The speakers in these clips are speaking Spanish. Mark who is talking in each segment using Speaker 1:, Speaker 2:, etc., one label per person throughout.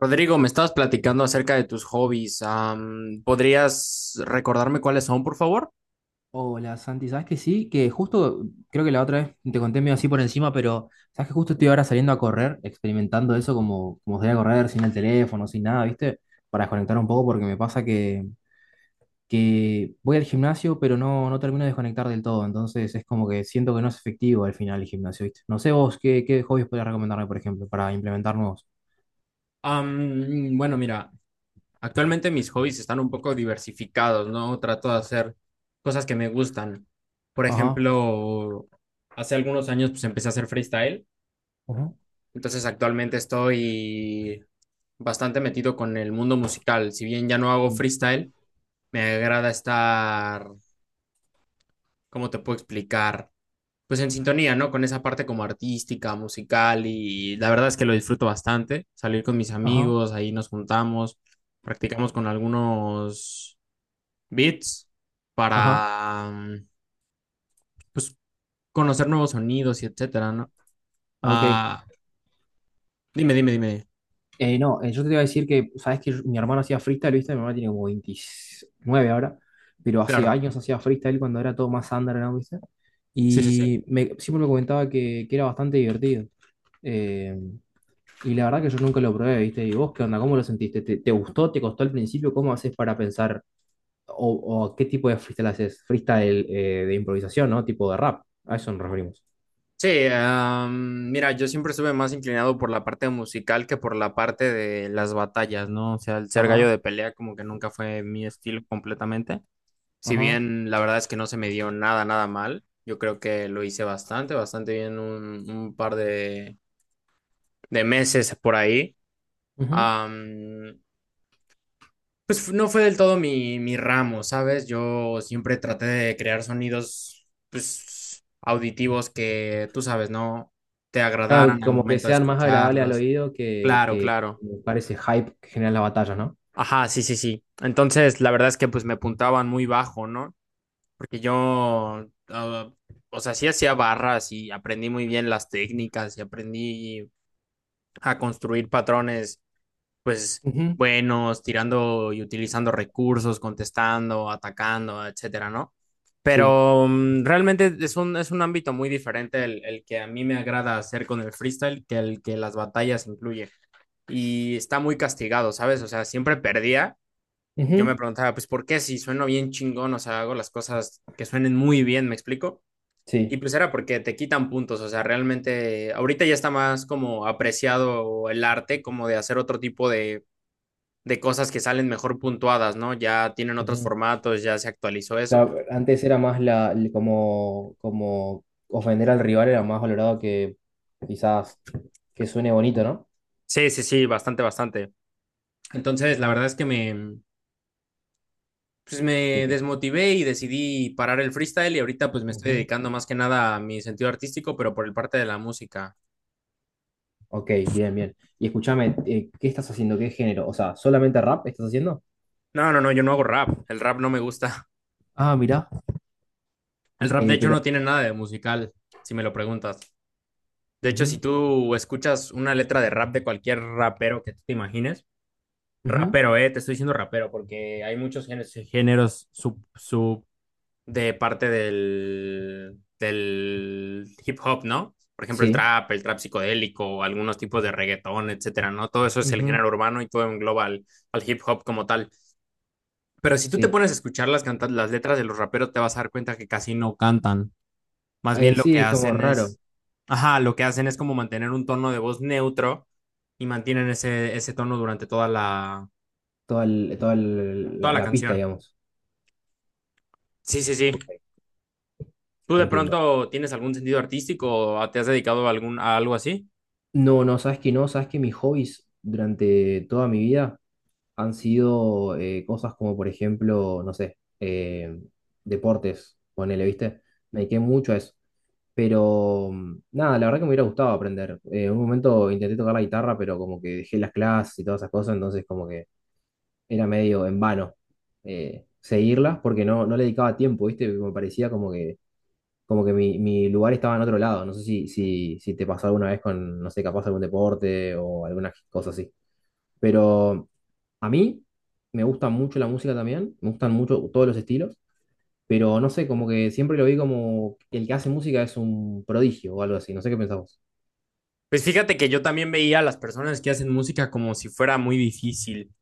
Speaker 1: Rodrigo, me estabas platicando acerca de tus hobbies. ¿Podrías recordarme cuáles son, por favor?
Speaker 2: Hola Santi, ¿sabes que sí? Que justo, creo que la otra vez te conté medio así por encima, pero ¿sabes que justo estoy ahora saliendo a correr, experimentando eso como salir a correr sin el teléfono, sin nada, ¿viste? Para desconectar un poco porque me pasa que, voy al gimnasio, pero no, no termino de desconectar del todo, entonces es como que siento que no es efectivo al final el gimnasio, ¿viste? No sé vos, ¿qué hobbies podrías recomendarme, por ejemplo, para implementar nuevos?
Speaker 1: Bueno, mira, actualmente mis hobbies están un poco diversificados, ¿no? Trato de hacer cosas que me gustan. Por
Speaker 2: Ajá,
Speaker 1: ejemplo, hace algunos años pues empecé a hacer freestyle,
Speaker 2: ajá,
Speaker 1: entonces actualmente estoy bastante metido con el mundo musical. Si bien ya no hago
Speaker 2: sí,
Speaker 1: freestyle, me agrada estar, ¿cómo te puedo explicar? Pues en sintonía, ¿no? Con esa parte como artística, musical y la verdad es que lo disfruto bastante, salir con mis
Speaker 2: ajá,
Speaker 1: amigos, ahí nos juntamos, practicamos con algunos beats
Speaker 2: ajá,
Speaker 1: para pues conocer nuevos sonidos y etcétera, ¿no?
Speaker 2: ok.
Speaker 1: Ah, dime, dime, dime.
Speaker 2: No, yo te iba a decir que, sabes que mi hermano hacía freestyle, ¿viste? Mi hermano tiene como 29 ahora, pero hace
Speaker 1: Claro.
Speaker 2: años hacía freestyle cuando era todo más underground, ¿viste?
Speaker 1: Sí, sí, sí.
Speaker 2: Y siempre me comentaba que era bastante divertido. Eh, y la verdad que yo nunca lo probé, ¿viste? ¿Y vos qué onda? ¿Cómo lo sentiste? ¿Te gustó? ¿Te costó al principio? ¿Cómo haces para pensar? ¿O, o qué tipo de freestyle haces? Freestyle de improvisación, ¿no? Tipo de rap. A eso nos referimos.
Speaker 1: Sí, mira, yo siempre estuve más inclinado por la parte musical que por la parte de las batallas, ¿no? O sea, el ser gallo
Speaker 2: Ajá,
Speaker 1: de pelea como que nunca fue mi estilo completamente. Si
Speaker 2: ajá.
Speaker 1: bien la verdad es que no se me dio nada, nada mal, yo creo que lo hice bastante, bastante bien un par de meses por ahí.
Speaker 2: Ujú.
Speaker 1: Am, pues no fue del todo mi ramo, ¿sabes? Yo siempre traté de crear sonidos pues, auditivos que, tú sabes, ¿no? Te
Speaker 2: Claro,
Speaker 1: agradaran al
Speaker 2: como que
Speaker 1: momento de
Speaker 2: sean más agradables al
Speaker 1: escucharlos.
Speaker 2: oído que,
Speaker 1: Claro,
Speaker 2: que
Speaker 1: claro.
Speaker 2: parece hype que generan las batallas, ¿no?
Speaker 1: Ajá, sí, sí, sí. Entonces, la verdad es que pues me apuntaban muy bajo, ¿no? Porque yo, ah, o sea, sí hacía barras y aprendí muy bien las técnicas y aprendí a construir patrones, pues,
Speaker 2: Ujú.
Speaker 1: buenos, tirando y utilizando recursos, contestando, atacando, etcétera, ¿no?
Speaker 2: Sí.
Speaker 1: Pero realmente es un ámbito muy diferente el que a mí me agrada hacer con el freestyle que el que las batallas incluye. Y está muy castigado, ¿sabes? O sea, siempre perdía. Yo me
Speaker 2: Ujú.
Speaker 1: preguntaba, pues, ¿por qué si sueno bien chingón? O sea, hago las cosas que suenen muy bien, ¿me explico? Y
Speaker 2: Sí.
Speaker 1: pues era porque te quitan puntos, o sea, realmente ahorita ya está más como apreciado el arte, como de hacer otro tipo de cosas que salen mejor puntuadas, ¿no? Ya tienen otros
Speaker 2: Ujú.
Speaker 1: formatos, ya se actualizó eso.
Speaker 2: Claro, antes era más la, como ofender al rival era más valorado que quizás que suene bonito, ¿no?
Speaker 1: Sí, sí, sí, bastante, bastante. Entonces, la verdad es que me, pues
Speaker 2: Que-
Speaker 1: me
Speaker 2: que-
Speaker 1: desmotivé y decidí parar el freestyle y ahorita pues me estoy
Speaker 2: Ujú.
Speaker 1: dedicando más que nada a mi sentido artístico, pero por el parte de la música.
Speaker 2: Ok, bien, bien. Y escúchame, ¿qué estás haciendo? ¿Qué género? O sea, ¿solamente rap estás haciendo?
Speaker 1: No, no, no, yo no hago rap, el rap no me gusta.
Speaker 2: Ah, mirá.
Speaker 1: El rap de hecho no
Speaker 2: Pero.
Speaker 1: tiene nada de musical, si me lo preguntas. De hecho, si
Speaker 2: Ujú,
Speaker 1: tú escuchas una letra de rap de cualquier rapero que tú te imagines,
Speaker 2: ujú,
Speaker 1: rapero, te estoy diciendo rapero, porque hay muchos géneros, géneros sub de parte del hip hop, ¿no? Por ejemplo,
Speaker 2: sí.
Speaker 1: el trap psicodélico, algunos tipos de reggaetón, etcétera, ¿no? Todo eso es el
Speaker 2: Ujú,
Speaker 1: género urbano y todo engloba al, al hip hop como tal. Pero si tú te
Speaker 2: sí.
Speaker 1: pones a escuchar las, las letras de los raperos, te vas a dar cuenta que casi no cantan. Más bien lo
Speaker 2: Sí,
Speaker 1: que
Speaker 2: es como
Speaker 1: hacen
Speaker 2: raro.
Speaker 1: es, ajá, lo que hacen es como mantener un tono de voz neutro y mantienen ese tono durante toda la,
Speaker 2: Toda, el- toda el-
Speaker 1: toda
Speaker 2: la,
Speaker 1: la
Speaker 2: la pista,
Speaker 1: canción.
Speaker 2: digamos.
Speaker 1: Sí, sí, sí.
Speaker 2: Ok,
Speaker 1: ¿Tú de
Speaker 2: entiendo.
Speaker 1: pronto tienes algún sentido artístico o te has dedicado a algo así?
Speaker 2: No, no, sabes que no, sabes que mis hobbies durante toda mi vida han sido cosas como, por ejemplo, no sé, deportes, ponele, ¿viste? Me dediqué mucho a eso. Pero nada, la verdad que me hubiera gustado aprender. En un momento intenté tocar la guitarra, pero como que dejé las clases y todas esas cosas, entonces como que era medio en vano seguirlas porque no, no le dedicaba tiempo, ¿viste? Me parecía como que mi lugar estaba en otro lado. No sé si te pasó alguna vez con, no sé, capaz algún deporte o alguna cosa así. Pero a mí me gusta mucho la música también, me gustan mucho todos los estilos, pero no sé, como que siempre lo vi como que el que hace música es un prodigio o algo así. No sé qué pensás vos.
Speaker 1: Pues fíjate que yo también veía a las personas que hacen música como si fuera muy difícil.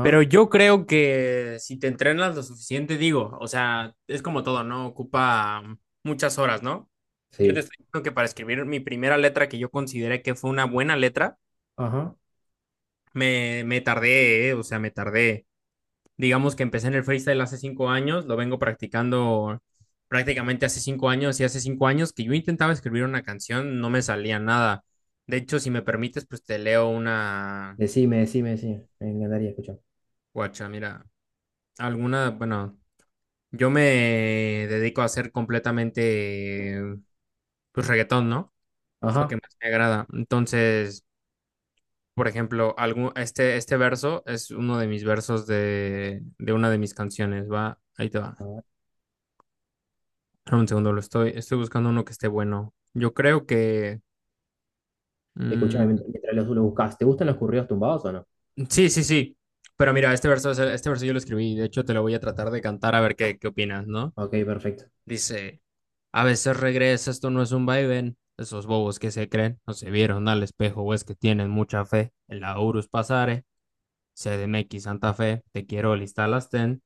Speaker 1: Pero yo creo que si te entrenas lo suficiente, digo, o sea, es como todo, ¿no? Ocupa muchas horas, ¿no? Yo te
Speaker 2: sí,
Speaker 1: estoy diciendo que para escribir mi primera letra, que yo consideré que fue una buena letra,
Speaker 2: ajá.
Speaker 1: me tardé, o sea, me tardé. Digamos que empecé en el freestyle hace 5 años, lo vengo practicando prácticamente hace 5 años y hace cinco años que yo intentaba escribir una canción, no me salía nada. De hecho, si me permites, pues te leo una,
Speaker 2: Decime, decime, decime. Me encantaría escuchar.
Speaker 1: guacha, mira, alguna, bueno, yo me dedico a hacer completamente, pues reggaetón, ¿no? Es lo que
Speaker 2: Ajá.
Speaker 1: más me agrada. Entonces, por ejemplo, este verso es uno de mis versos de una de mis canciones, va, ahí te
Speaker 2: A
Speaker 1: va.
Speaker 2: ver.
Speaker 1: Espera un segundo, lo estoy buscando uno que esté bueno. Yo creo que... mm,
Speaker 2: Escuchame mientras lo buscas. ¿Te gustan los corridos tumbados o no?
Speaker 1: sí, sí, sí. Pero mira, este verso, este verso yo lo escribí. De hecho, te lo voy a tratar de cantar a ver qué, qué opinas, ¿no?
Speaker 2: Ok, perfecto.
Speaker 1: Dice, a veces regresa, esto no es un vaivén. Esos bobos que se creen no se vieron al espejo o es que tienen mucha fe. En la Urus pasare, CDMX Santa Fe, te quiero lista las ten.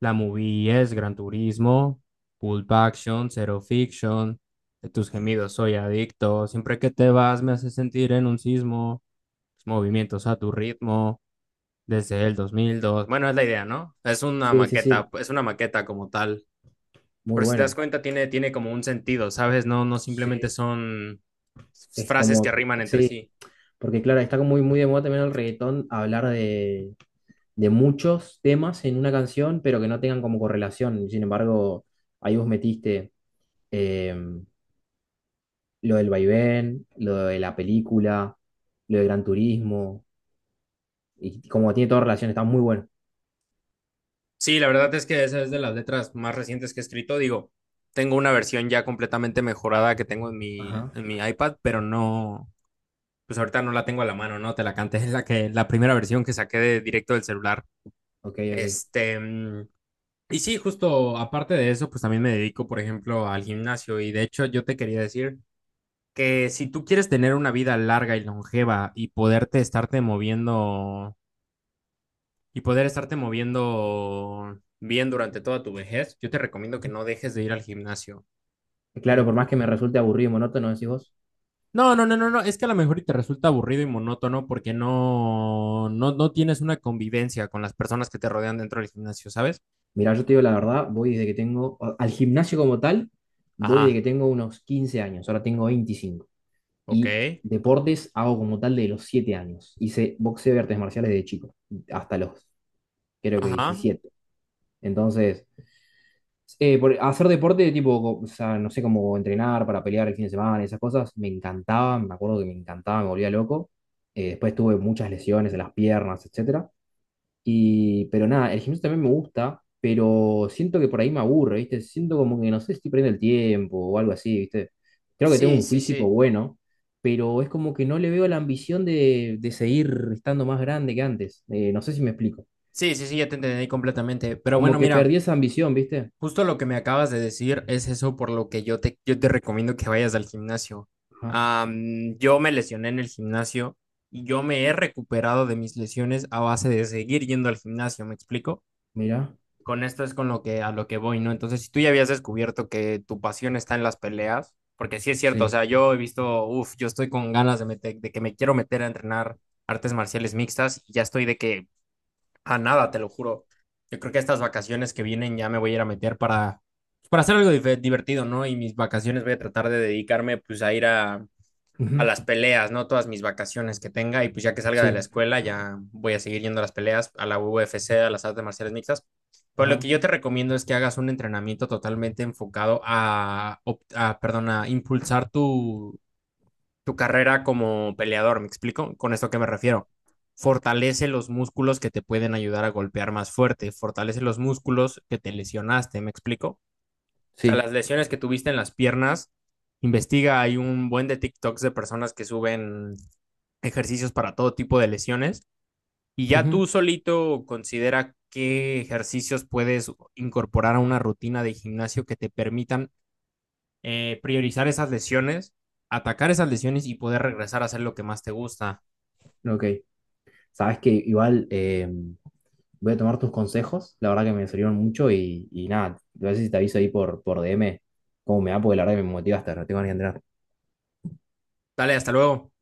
Speaker 1: La movie es Gran Turismo, Pulp Action, Zero Fiction, de tus gemidos soy adicto, siempre que te vas me hace sentir en un sismo, tus movimientos a tu ritmo, desde el 2002. Bueno, es la idea, ¿no?
Speaker 2: Sí, sí, sí.
Speaker 1: Es una maqueta como tal.
Speaker 2: Muy
Speaker 1: Pero si te das
Speaker 2: bueno.
Speaker 1: cuenta, tiene como un sentido, ¿sabes? No, no simplemente
Speaker 2: Sí.
Speaker 1: son
Speaker 2: Es
Speaker 1: frases que
Speaker 2: como,
Speaker 1: riman entre
Speaker 2: sí,
Speaker 1: sí.
Speaker 2: porque claro, está como muy, muy de moda también el reggaetón hablar de muchos temas en una canción, pero que no tengan como correlación. Sin embargo, ahí vos metiste eh, lo del vaivén, lo de la película, lo de Gran Turismo, y como tiene toda relación, está muy bueno.
Speaker 1: Sí, la verdad es que esa es de las letras más recientes que he escrito. Digo, tengo una versión ya completamente mejorada que tengo en mi,
Speaker 2: Ajá,
Speaker 1: en mi iPad, pero no, pues ahorita no la tengo a la mano, ¿no? Te la canté, es la que, la primera versión que saqué de directo del celular.
Speaker 2: ok, ok.
Speaker 1: Este, mm, y sí, justo aparte de eso, pues también me dedico, por ejemplo, al gimnasio. Y de hecho, yo te quería decir que si tú quieres tener una vida larga y longeva y poderte estarte moviendo y poder estarte moviendo bien durante toda tu vejez, yo te recomiendo que no dejes de ir al gimnasio. Mm.
Speaker 2: Claro, por más que me resulte aburrido y monótono, decís vos.
Speaker 1: No, no, no, no, no, es que a lo mejor y te resulta aburrido y monótono porque no tienes una convivencia con las personas que te rodean dentro del gimnasio, ¿sabes?
Speaker 2: Mirá, yo te digo la verdad, voy desde que tengo, al gimnasio como tal, voy desde
Speaker 1: Ajá,
Speaker 2: que tengo unos 15 años, ahora tengo 25.
Speaker 1: ok,
Speaker 2: Y deportes hago como tal de los 7 años. Hice boxeo y artes marciales de chico, hasta los, creo que
Speaker 1: ajá.
Speaker 2: 17. Entonces, por hacer deporte, de tipo, o sea, no sé cómo entrenar para pelear el fin de semana, esas cosas, me encantaba, me acuerdo que me encantaba, me volvía loco. Después tuve muchas lesiones en las piernas, etcétera. Pero nada, el gimnasio también me gusta, pero siento que por ahí me aburre, ¿viste? Siento como que, no sé, estoy perdiendo el tiempo o algo así, ¿viste? Creo que tengo
Speaker 1: Sí,
Speaker 2: un
Speaker 1: sí,
Speaker 2: físico
Speaker 1: sí.
Speaker 2: bueno, pero es como que no le veo la ambición de seguir estando más grande que antes. No sé si me explico.
Speaker 1: Sí, sí, sí, ya te entendí completamente. Pero
Speaker 2: Como
Speaker 1: bueno,
Speaker 2: que
Speaker 1: mira.
Speaker 2: perdí esa ambición, ¿viste?
Speaker 1: Justo lo que me acabas de decir es eso por lo que yo te recomiendo que vayas al gimnasio.
Speaker 2: Ajá,
Speaker 1: Yo me lesioné en el gimnasio y yo me he recuperado de mis lesiones a base de seguir yendo al gimnasio, ¿me explico?
Speaker 2: mirá.
Speaker 1: Con esto es con lo que a lo que voy, ¿no? Entonces, si tú ya habías descubierto que tu pasión está en las peleas, porque sí es cierto, o
Speaker 2: Sí.
Speaker 1: sea, yo he visto, uff, yo estoy con ganas de meter, de que me quiero meter a entrenar artes marciales mixtas y ya estoy de que a nada, te lo juro. Yo creo que estas vacaciones que vienen ya me voy a ir a meter para, pues, para hacer algo divertido, ¿no? Y mis vacaciones voy a tratar de dedicarme pues a ir a
Speaker 2: Ujú,
Speaker 1: las peleas, ¿no? Todas mis vacaciones que tenga y pues ya que salga de
Speaker 2: sí.
Speaker 1: la escuela ya voy a seguir yendo a las peleas, a la UFC, a las artes marciales mixtas. Pero lo que
Speaker 2: Ajá.
Speaker 1: yo te recomiendo es que hagas un entrenamiento totalmente enfocado a, a perdón, a impulsar tu carrera como peleador, ¿me explico? Con esto a qué me refiero. Fortalece los músculos que te pueden ayudar a golpear más fuerte, fortalece los músculos que te lesionaste, ¿me explico? O sea,
Speaker 2: Sí.
Speaker 1: las lesiones que tuviste en las piernas, investiga, hay un buen de TikToks de personas que suben ejercicios para todo tipo de lesiones y ya
Speaker 2: Ujú,
Speaker 1: tú solito considera qué ejercicios puedes incorporar a una rutina de gimnasio que te permitan priorizar esas lesiones, atacar esas lesiones y poder regresar a hacer lo que más te gusta.
Speaker 2: ok. Sabes que igual, voy a tomar tus consejos, la verdad que me sirvieron mucho y nada, a ver si te aviso ahí por, DM cómo me va, porque la verdad que me motivaste, no tengo ni que entrenar.
Speaker 1: Dale, hasta luego.